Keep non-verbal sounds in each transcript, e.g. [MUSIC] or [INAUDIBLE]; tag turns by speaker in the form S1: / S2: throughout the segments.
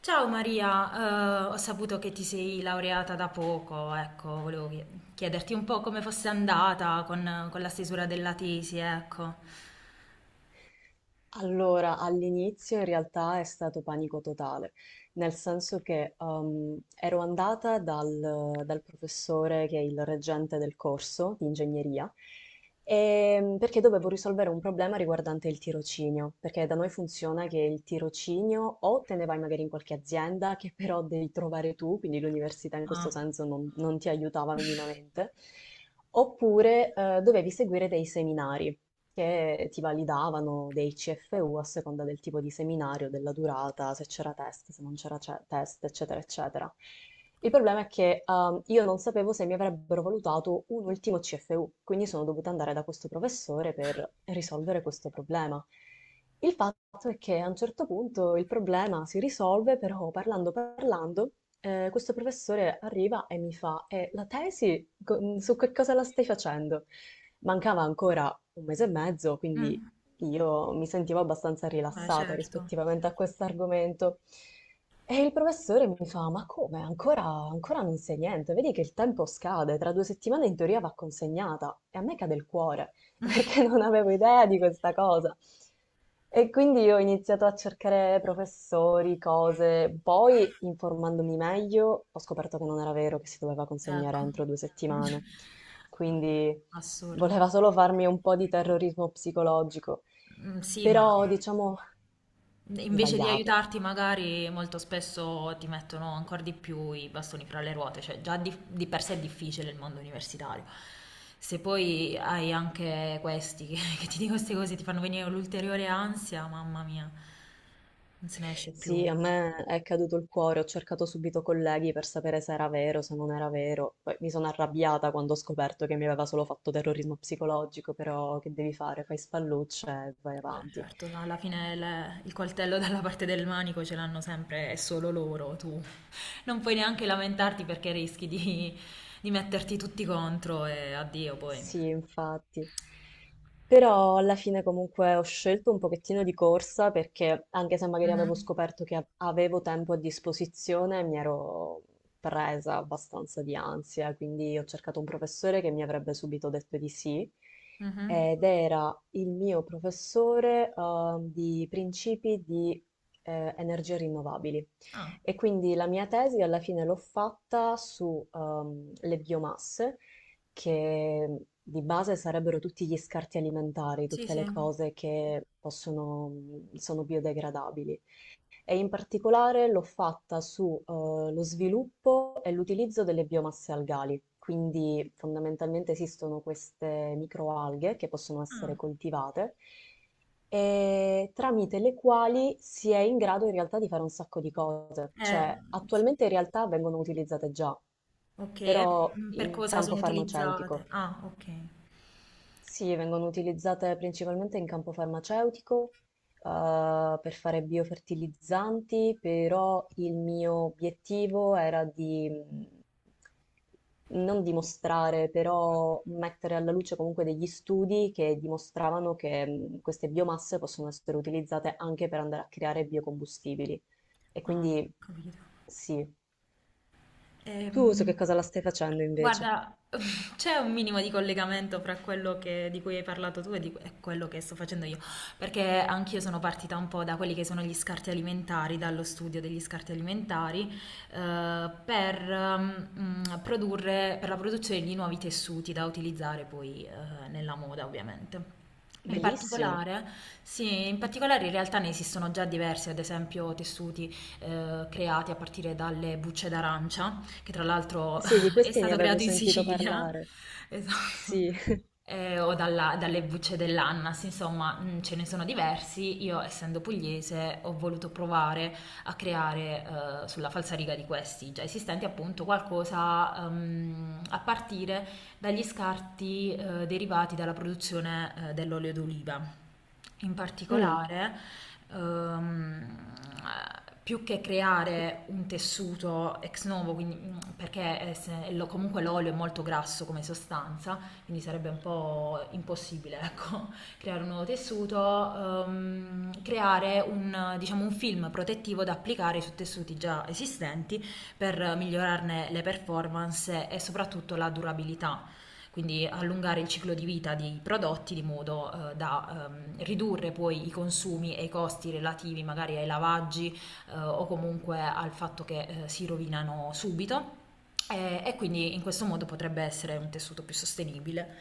S1: Ciao Maria, ho saputo che ti sei laureata da poco, ecco, volevo chiederti un po' come fosse andata con la stesura della tesi, ecco.
S2: Allora, all'inizio in realtà è stato panico totale, nel senso che ero andata dal professore che è il reggente del corso di ingegneria, perché dovevo risolvere un problema riguardante il tirocinio, perché da noi funziona che il tirocinio o te ne vai magari in qualche azienda che però devi trovare tu, quindi l'università in questo
S1: Ah,
S2: senso non ti aiutava minimamente, oppure dovevi seguire dei seminari che ti validavano dei CFU a seconda del tipo di seminario, della durata, se c'era test, se non c'era test, eccetera, eccetera. Il problema è che io non sapevo se mi avrebbero valutato un ultimo CFU, quindi sono dovuta andare da questo professore per risolvere questo problema. Il fatto è che a un certo punto il problema si risolve, però parlando parlando, questo professore arriva e mi fa, la tesi su che cosa la stai facendo? Mancava ancora un mese e mezzo, quindi
S1: mm,
S2: io mi sentivo abbastanza
S1: beh,
S2: rilassata
S1: certo,
S2: rispettivamente a questo argomento. E il professore mi fa: Ma come? Ancora non sai niente? Vedi che il tempo scade, tra 2 settimane in teoria va consegnata. E a me cade il cuore, [LAUGHS] perché non avevo idea di questa cosa. E quindi ho iniziato a cercare professori, cose, poi informandomi meglio ho scoperto che non era vero che si doveva consegnare
S1: ecco.
S2: entro 2 settimane,
S1: [LAUGHS] Guarda.
S2: quindi
S1: Assurdo.
S2: voleva solo farmi un po' di terrorismo psicologico,
S1: Mm. Sì, ma
S2: però diciamo
S1: invece di
S2: sbagliato.
S1: aiutarti, magari molto spesso ti mettono ancora di più i bastoni fra le ruote, cioè già di per sé è difficile il mondo universitario. Se poi hai anche questi che, [LAUGHS] che ti dicono queste cose, ti fanno venire l'ulteriore ansia, mamma mia, non se ne esce più.
S2: Sì, a me è caduto il cuore, ho cercato subito colleghi per sapere se era vero, se non era vero. Poi mi sono arrabbiata quando ho scoperto che mi aveva solo fatto terrorismo psicologico, però che devi fare? Fai spallucce e vai avanti.
S1: Certo, alla fine il coltello dalla parte del manico ce l'hanno sempre, è solo loro, tu non puoi neanche lamentarti perché rischi di metterti tutti contro e addio poi.
S2: Sì, infatti. Però alla fine comunque ho scelto un pochettino di corsa perché anche se magari avevo
S1: Mhm,
S2: scoperto che avevo tempo a disposizione, mi ero presa abbastanza di ansia, quindi ho cercato un professore che mi avrebbe subito detto di sì
S1: mhm.
S2: ed era il mio professore di principi di energie rinnovabili.
S1: Ah,
S2: E quindi la mia tesi alla fine l'ho fatta sulle biomasse che di base sarebbero tutti gli scarti alimentari,
S1: sì,
S2: tutte
S1: sì.
S2: le cose che possono, sono biodegradabili e in particolare l'ho fatta su lo sviluppo e l'utilizzo delle biomasse algali. Quindi fondamentalmente esistono queste microalghe che possono essere
S1: Ah.
S2: coltivate e tramite le quali si è in grado in realtà di fare un sacco di cose.
S1: Eh,
S2: Cioè, attualmente in realtà vengono utilizzate già,
S1: ok, e
S2: però
S1: per
S2: in
S1: cosa
S2: campo
S1: sono
S2: farmaceutico.
S1: utilizzate? Ah, ok.
S2: Sì, vengono utilizzate principalmente in campo farmaceutico, per fare biofertilizzanti, però il mio obiettivo era di non dimostrare, però mettere alla luce comunque degli studi che dimostravano che queste biomasse possono essere utilizzate anche per andare a creare biocombustibili. E
S1: Ah, ho
S2: quindi
S1: capito.
S2: sì. Tu su
S1: Ehm,
S2: che cosa la stai facendo invece?
S1: guarda, [LAUGHS] c'è un minimo di collegamento fra di cui hai parlato tu e quello che sto facendo io, perché anch'io sono partita un po' da quelli che sono gli scarti alimentari, dallo studio degli scarti alimentari, per la produzione di nuovi tessuti da utilizzare poi, nella moda, ovviamente. In
S2: Bellissimo.
S1: particolare, sì, in particolare in realtà ne esistono già diversi, ad esempio tessuti creati a partire dalle bucce d'arancia, che tra l'altro
S2: Sì, di
S1: [LAUGHS] è
S2: questi ne
S1: stato
S2: avevo
S1: creato in
S2: sentito
S1: Sicilia,
S2: parlare.
S1: [LAUGHS] esatto,
S2: Sì,
S1: o dalle bucce dell'annas, insomma, ce ne sono diversi. Io, essendo pugliese, ho voluto provare a creare sulla falsariga di questi già esistenti appunto qualcosa a partire dagli scarti derivati dalla produzione dell'olio d'oliva. In
S2: mm,
S1: particolare, ehm, più che creare un tessuto ex novo, quindi, perché è se- lo- comunque l'olio è molto grasso come sostanza, quindi sarebbe un po' impossibile, [LAUGHS] ecco, creare un nuovo tessuto, creare un, diciamo, un film protettivo da applicare su tessuti già esistenti per migliorarne le performance e soprattutto la durabilità, quindi allungare il ciclo di vita dei prodotti di modo da ridurre poi i consumi e i costi relativi magari ai lavaggi o comunque al fatto che si rovinano subito e, quindi in questo modo potrebbe essere un tessuto più sostenibile.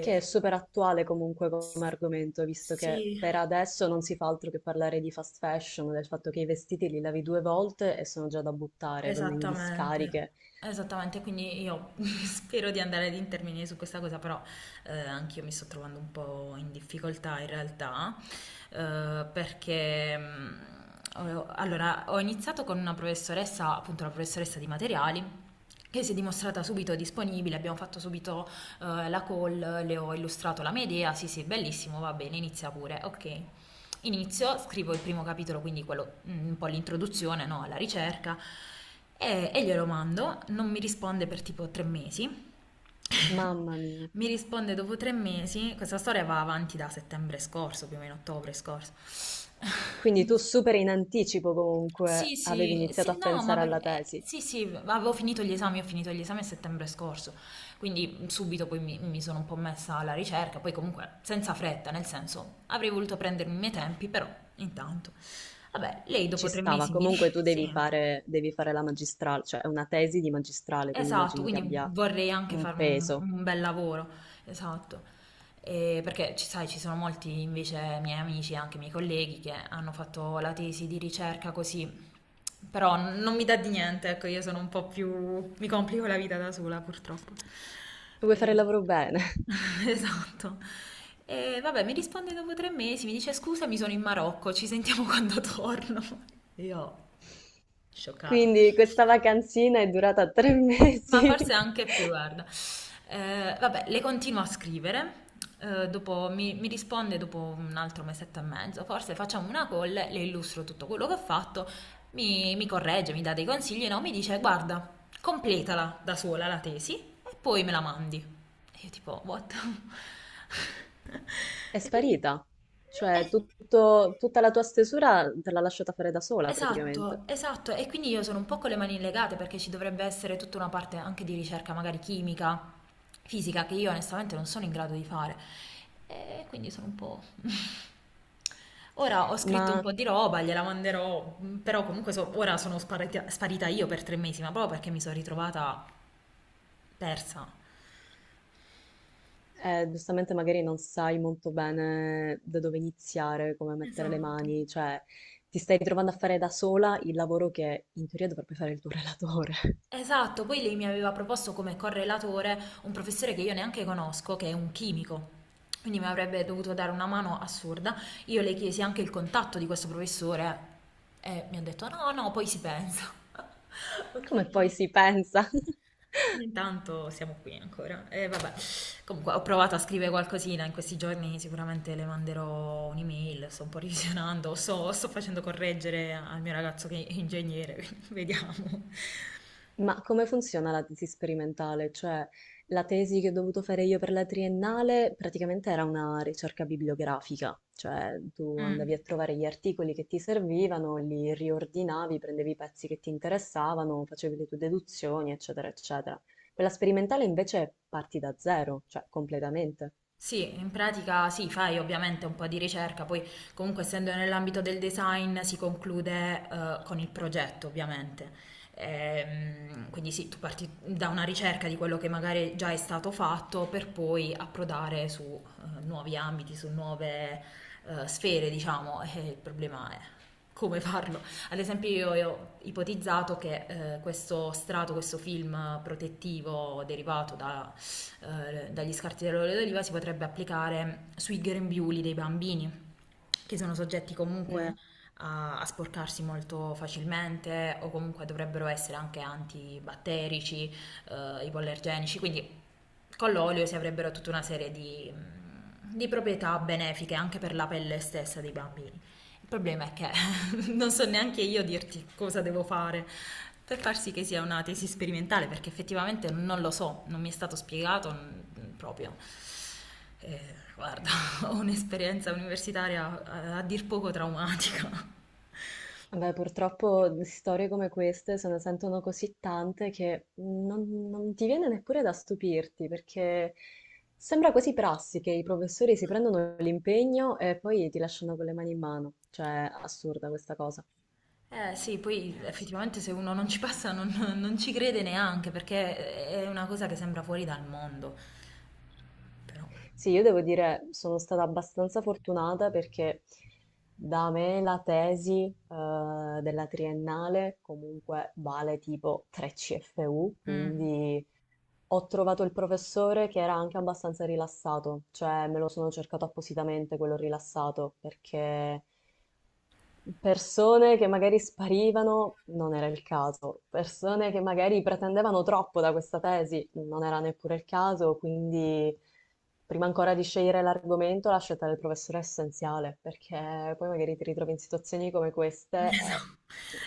S2: che è super attuale comunque come argomento, visto che
S1: Sì.
S2: per adesso non si fa altro che parlare di fast fashion, del fatto che i vestiti li lavi due volte e sono già da buttare, vanno in
S1: Esattamente,
S2: discariche.
S1: esattamente, quindi io [LAUGHS] spero di andare ad intervenire su questa cosa, però anch'io mi sto trovando un po' in difficoltà in realtà, perché allora, ho iniziato con una professoressa, appunto la professoressa di materiali, che si è dimostrata subito disponibile, abbiamo fatto subito la call, le ho illustrato la mia idea, sì sì, bellissimo, va bene, inizia pure, ok. Inizio, scrivo il primo capitolo, quindi quello, un po' l'introduzione, no, alla ricerca, e, glielo mando, non mi risponde per tipo 3 mesi. [LAUGHS]
S2: Mamma mia.
S1: Mi risponde dopo 3 mesi, questa storia va avanti da settembre scorso, più o meno ottobre scorso. [LAUGHS]
S2: Quindi
S1: Mi
S2: tu
S1: risponde.
S2: super in anticipo
S1: Sì,
S2: comunque avevi
S1: sì,
S2: iniziato
S1: sì,
S2: a
S1: no, ma
S2: pensare alla tesi.
S1: sì, sì, avevo finito gli esami, ho finito gli esami a settembre scorso, quindi subito poi mi, sono un po' messa alla ricerca, poi comunque senza fretta, nel senso avrei voluto prendermi i miei tempi, però intanto. Vabbè, lei
S2: Ci
S1: dopo tre
S2: stava,
S1: mesi mi
S2: comunque
S1: dice,
S2: tu
S1: [LAUGHS] sì.
S2: devi fare la magistrale, cioè è una tesi di magistrale, quindi
S1: Esatto,
S2: immagino che
S1: quindi
S2: abbia
S1: vorrei anche
S2: un
S1: fare un,
S2: peso.
S1: un bel lavoro, esatto. E perché ci sai, ci sono molti invece miei amici e anche miei colleghi che hanno fatto la tesi di ricerca così, però non mi dà di niente, ecco, io sono un po' più... mi complico la vita da sola purtroppo.
S2: Vuoi fare il
S1: E-
S2: lavoro bene?
S1: [LAUGHS] Esatto. E vabbè, mi risponde dopo tre mesi, mi dice scusa, mi sono in Marocco, ci sentiamo [LAUGHS] quando torno. Io, scioccata.
S2: Quindi questa vacanzina è durata tre [LAUGHS]
S1: Ma forse
S2: mesi,
S1: anche più, guarda. Vabbè, le continuo a scrivere, dopo mi, risponde dopo un altro mesetto e mezzo, forse facciamo una call, le illustro tutto quello che ho fatto, mi corregge, mi dà dei consigli, no? Mi dice, guarda, completala da sola la tesi e poi me la mandi. E io tipo, what? [LAUGHS]
S2: è
S1: E quindi...
S2: sparita. Cioè,
S1: eh,
S2: tutta la tua stesura te l'ha lasciata fare da sola praticamente.
S1: Esatto, esatto, e quindi io sono un po' con le mani legate perché ci dovrebbe essere tutta una parte anche di ricerca, magari chimica, fisica, che io onestamente non sono in grado di fare. E quindi sono un po'... [LAUGHS] Ora ho scritto un
S2: Ma
S1: po' di roba, gliela manderò, però comunque ora sono sparita, sparita io per 3 mesi, ma proprio perché mi sono ritrovata persa.
S2: giustamente magari non sai molto bene da dove iniziare, come mettere le
S1: Esatto.
S2: mani, cioè ti stai ritrovando a fare da sola il lavoro che in teoria dovrebbe fare il tuo relatore.
S1: Esatto, poi lei mi aveva proposto come correlatore un professore che io neanche conosco, che è un chimico. Quindi mi avrebbe dovuto dare una mano assurda. Io le chiesi anche il contatto di questo professore e mi ha detto no, no, poi si pensa. [LAUGHS]
S2: [LAUGHS]
S1: Ok.
S2: Come poi si pensa? [LAUGHS]
S1: E intanto siamo qui ancora. E vabbè, comunque ho provato a scrivere qualcosina in questi giorni, sicuramente le manderò un'email, sto un po' revisionando, sto facendo correggere al mio ragazzo che è ingegnere, [LAUGHS] quindi vediamo.
S2: Ma come funziona la tesi sperimentale? Cioè, la tesi che ho dovuto fare io per la triennale praticamente era una ricerca bibliografica, cioè tu andavi a
S1: Mm.
S2: trovare gli articoli che ti servivano, li riordinavi, prendevi i pezzi che ti interessavano, facevi le tue deduzioni, eccetera, eccetera. Quella sperimentale invece parti da zero, cioè completamente.
S1: Sì, in pratica sì, fai ovviamente un po' di ricerca, poi comunque essendo nell'ambito del design si conclude con il progetto ovviamente. Quindi sì, tu parti da una ricerca di quello che magari già è stato fatto per poi approdare su nuovi ambiti, su nuove sfere, diciamo, e il problema è come farlo. Ad esempio io, ho ipotizzato che questo strato, questo film protettivo derivato da dagli scarti dell'olio d'oliva si potrebbe applicare sui grembiuli dei bambini, che sono soggetti comunque
S2: Mm.
S1: a, sporcarsi molto facilmente o comunque dovrebbero essere anche antibatterici, ipoallergenici, quindi con l'olio si avrebbero tutta una serie di proprietà benefiche anche per la pelle stessa dei bambini. Il problema è che [LAUGHS] non so neanche io dirti cosa devo fare per far sì che sia una tesi sperimentale, perché effettivamente non lo so, non mi è stato spiegato proprio. Guarda, [LAUGHS] ho un'esperienza universitaria a, dir poco traumatica.
S2: Beh, purtroppo di storie come queste se ne sentono così tante che non ti viene neppure da stupirti, perché sembra quasi prassi che i professori si prendono l'impegno e poi ti lasciano con le mani in mano. Cioè, assurda questa cosa.
S1: Eh sì, poi
S2: Eh sì,
S1: effettivamente se uno non ci passa non ci crede neanche, perché è una cosa che sembra fuori dal mondo. Però.
S2: sì, io devo dire, sono stata abbastanza fortunata perché da me la tesi, della triennale comunque vale tipo 3 CFU,
S1: Mh.
S2: quindi ho trovato il professore che era anche abbastanza rilassato, cioè me lo sono cercato appositamente quello rilassato, perché persone che magari sparivano non era il caso, persone che magari pretendevano troppo da questa tesi non era neppure il caso, quindi prima ancora di scegliere l'argomento la scelta del professore è essenziale, perché poi magari ti ritrovi in situazioni come queste
S1: Esa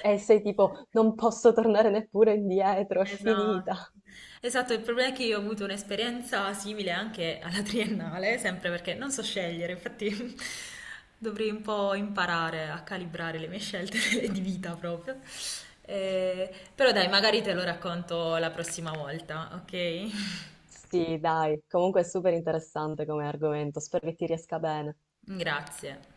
S2: e sei tipo non posso tornare neppure
S1: [LAUGHS]
S2: indietro, è
S1: Esatto.
S2: finita.
S1: Esatto, il problema è che io ho avuto un'esperienza simile anche alla triennale, sempre perché non so scegliere, infatti [LAUGHS] dovrei un po' imparare a calibrare le mie scelte [LAUGHS] di vita proprio. Ehm, però dai, magari te lo racconto la prossima volta, ok?
S2: Sì, dai, comunque è super interessante come argomento, spero che ti riesca bene.
S1: [LAUGHS] Grazie.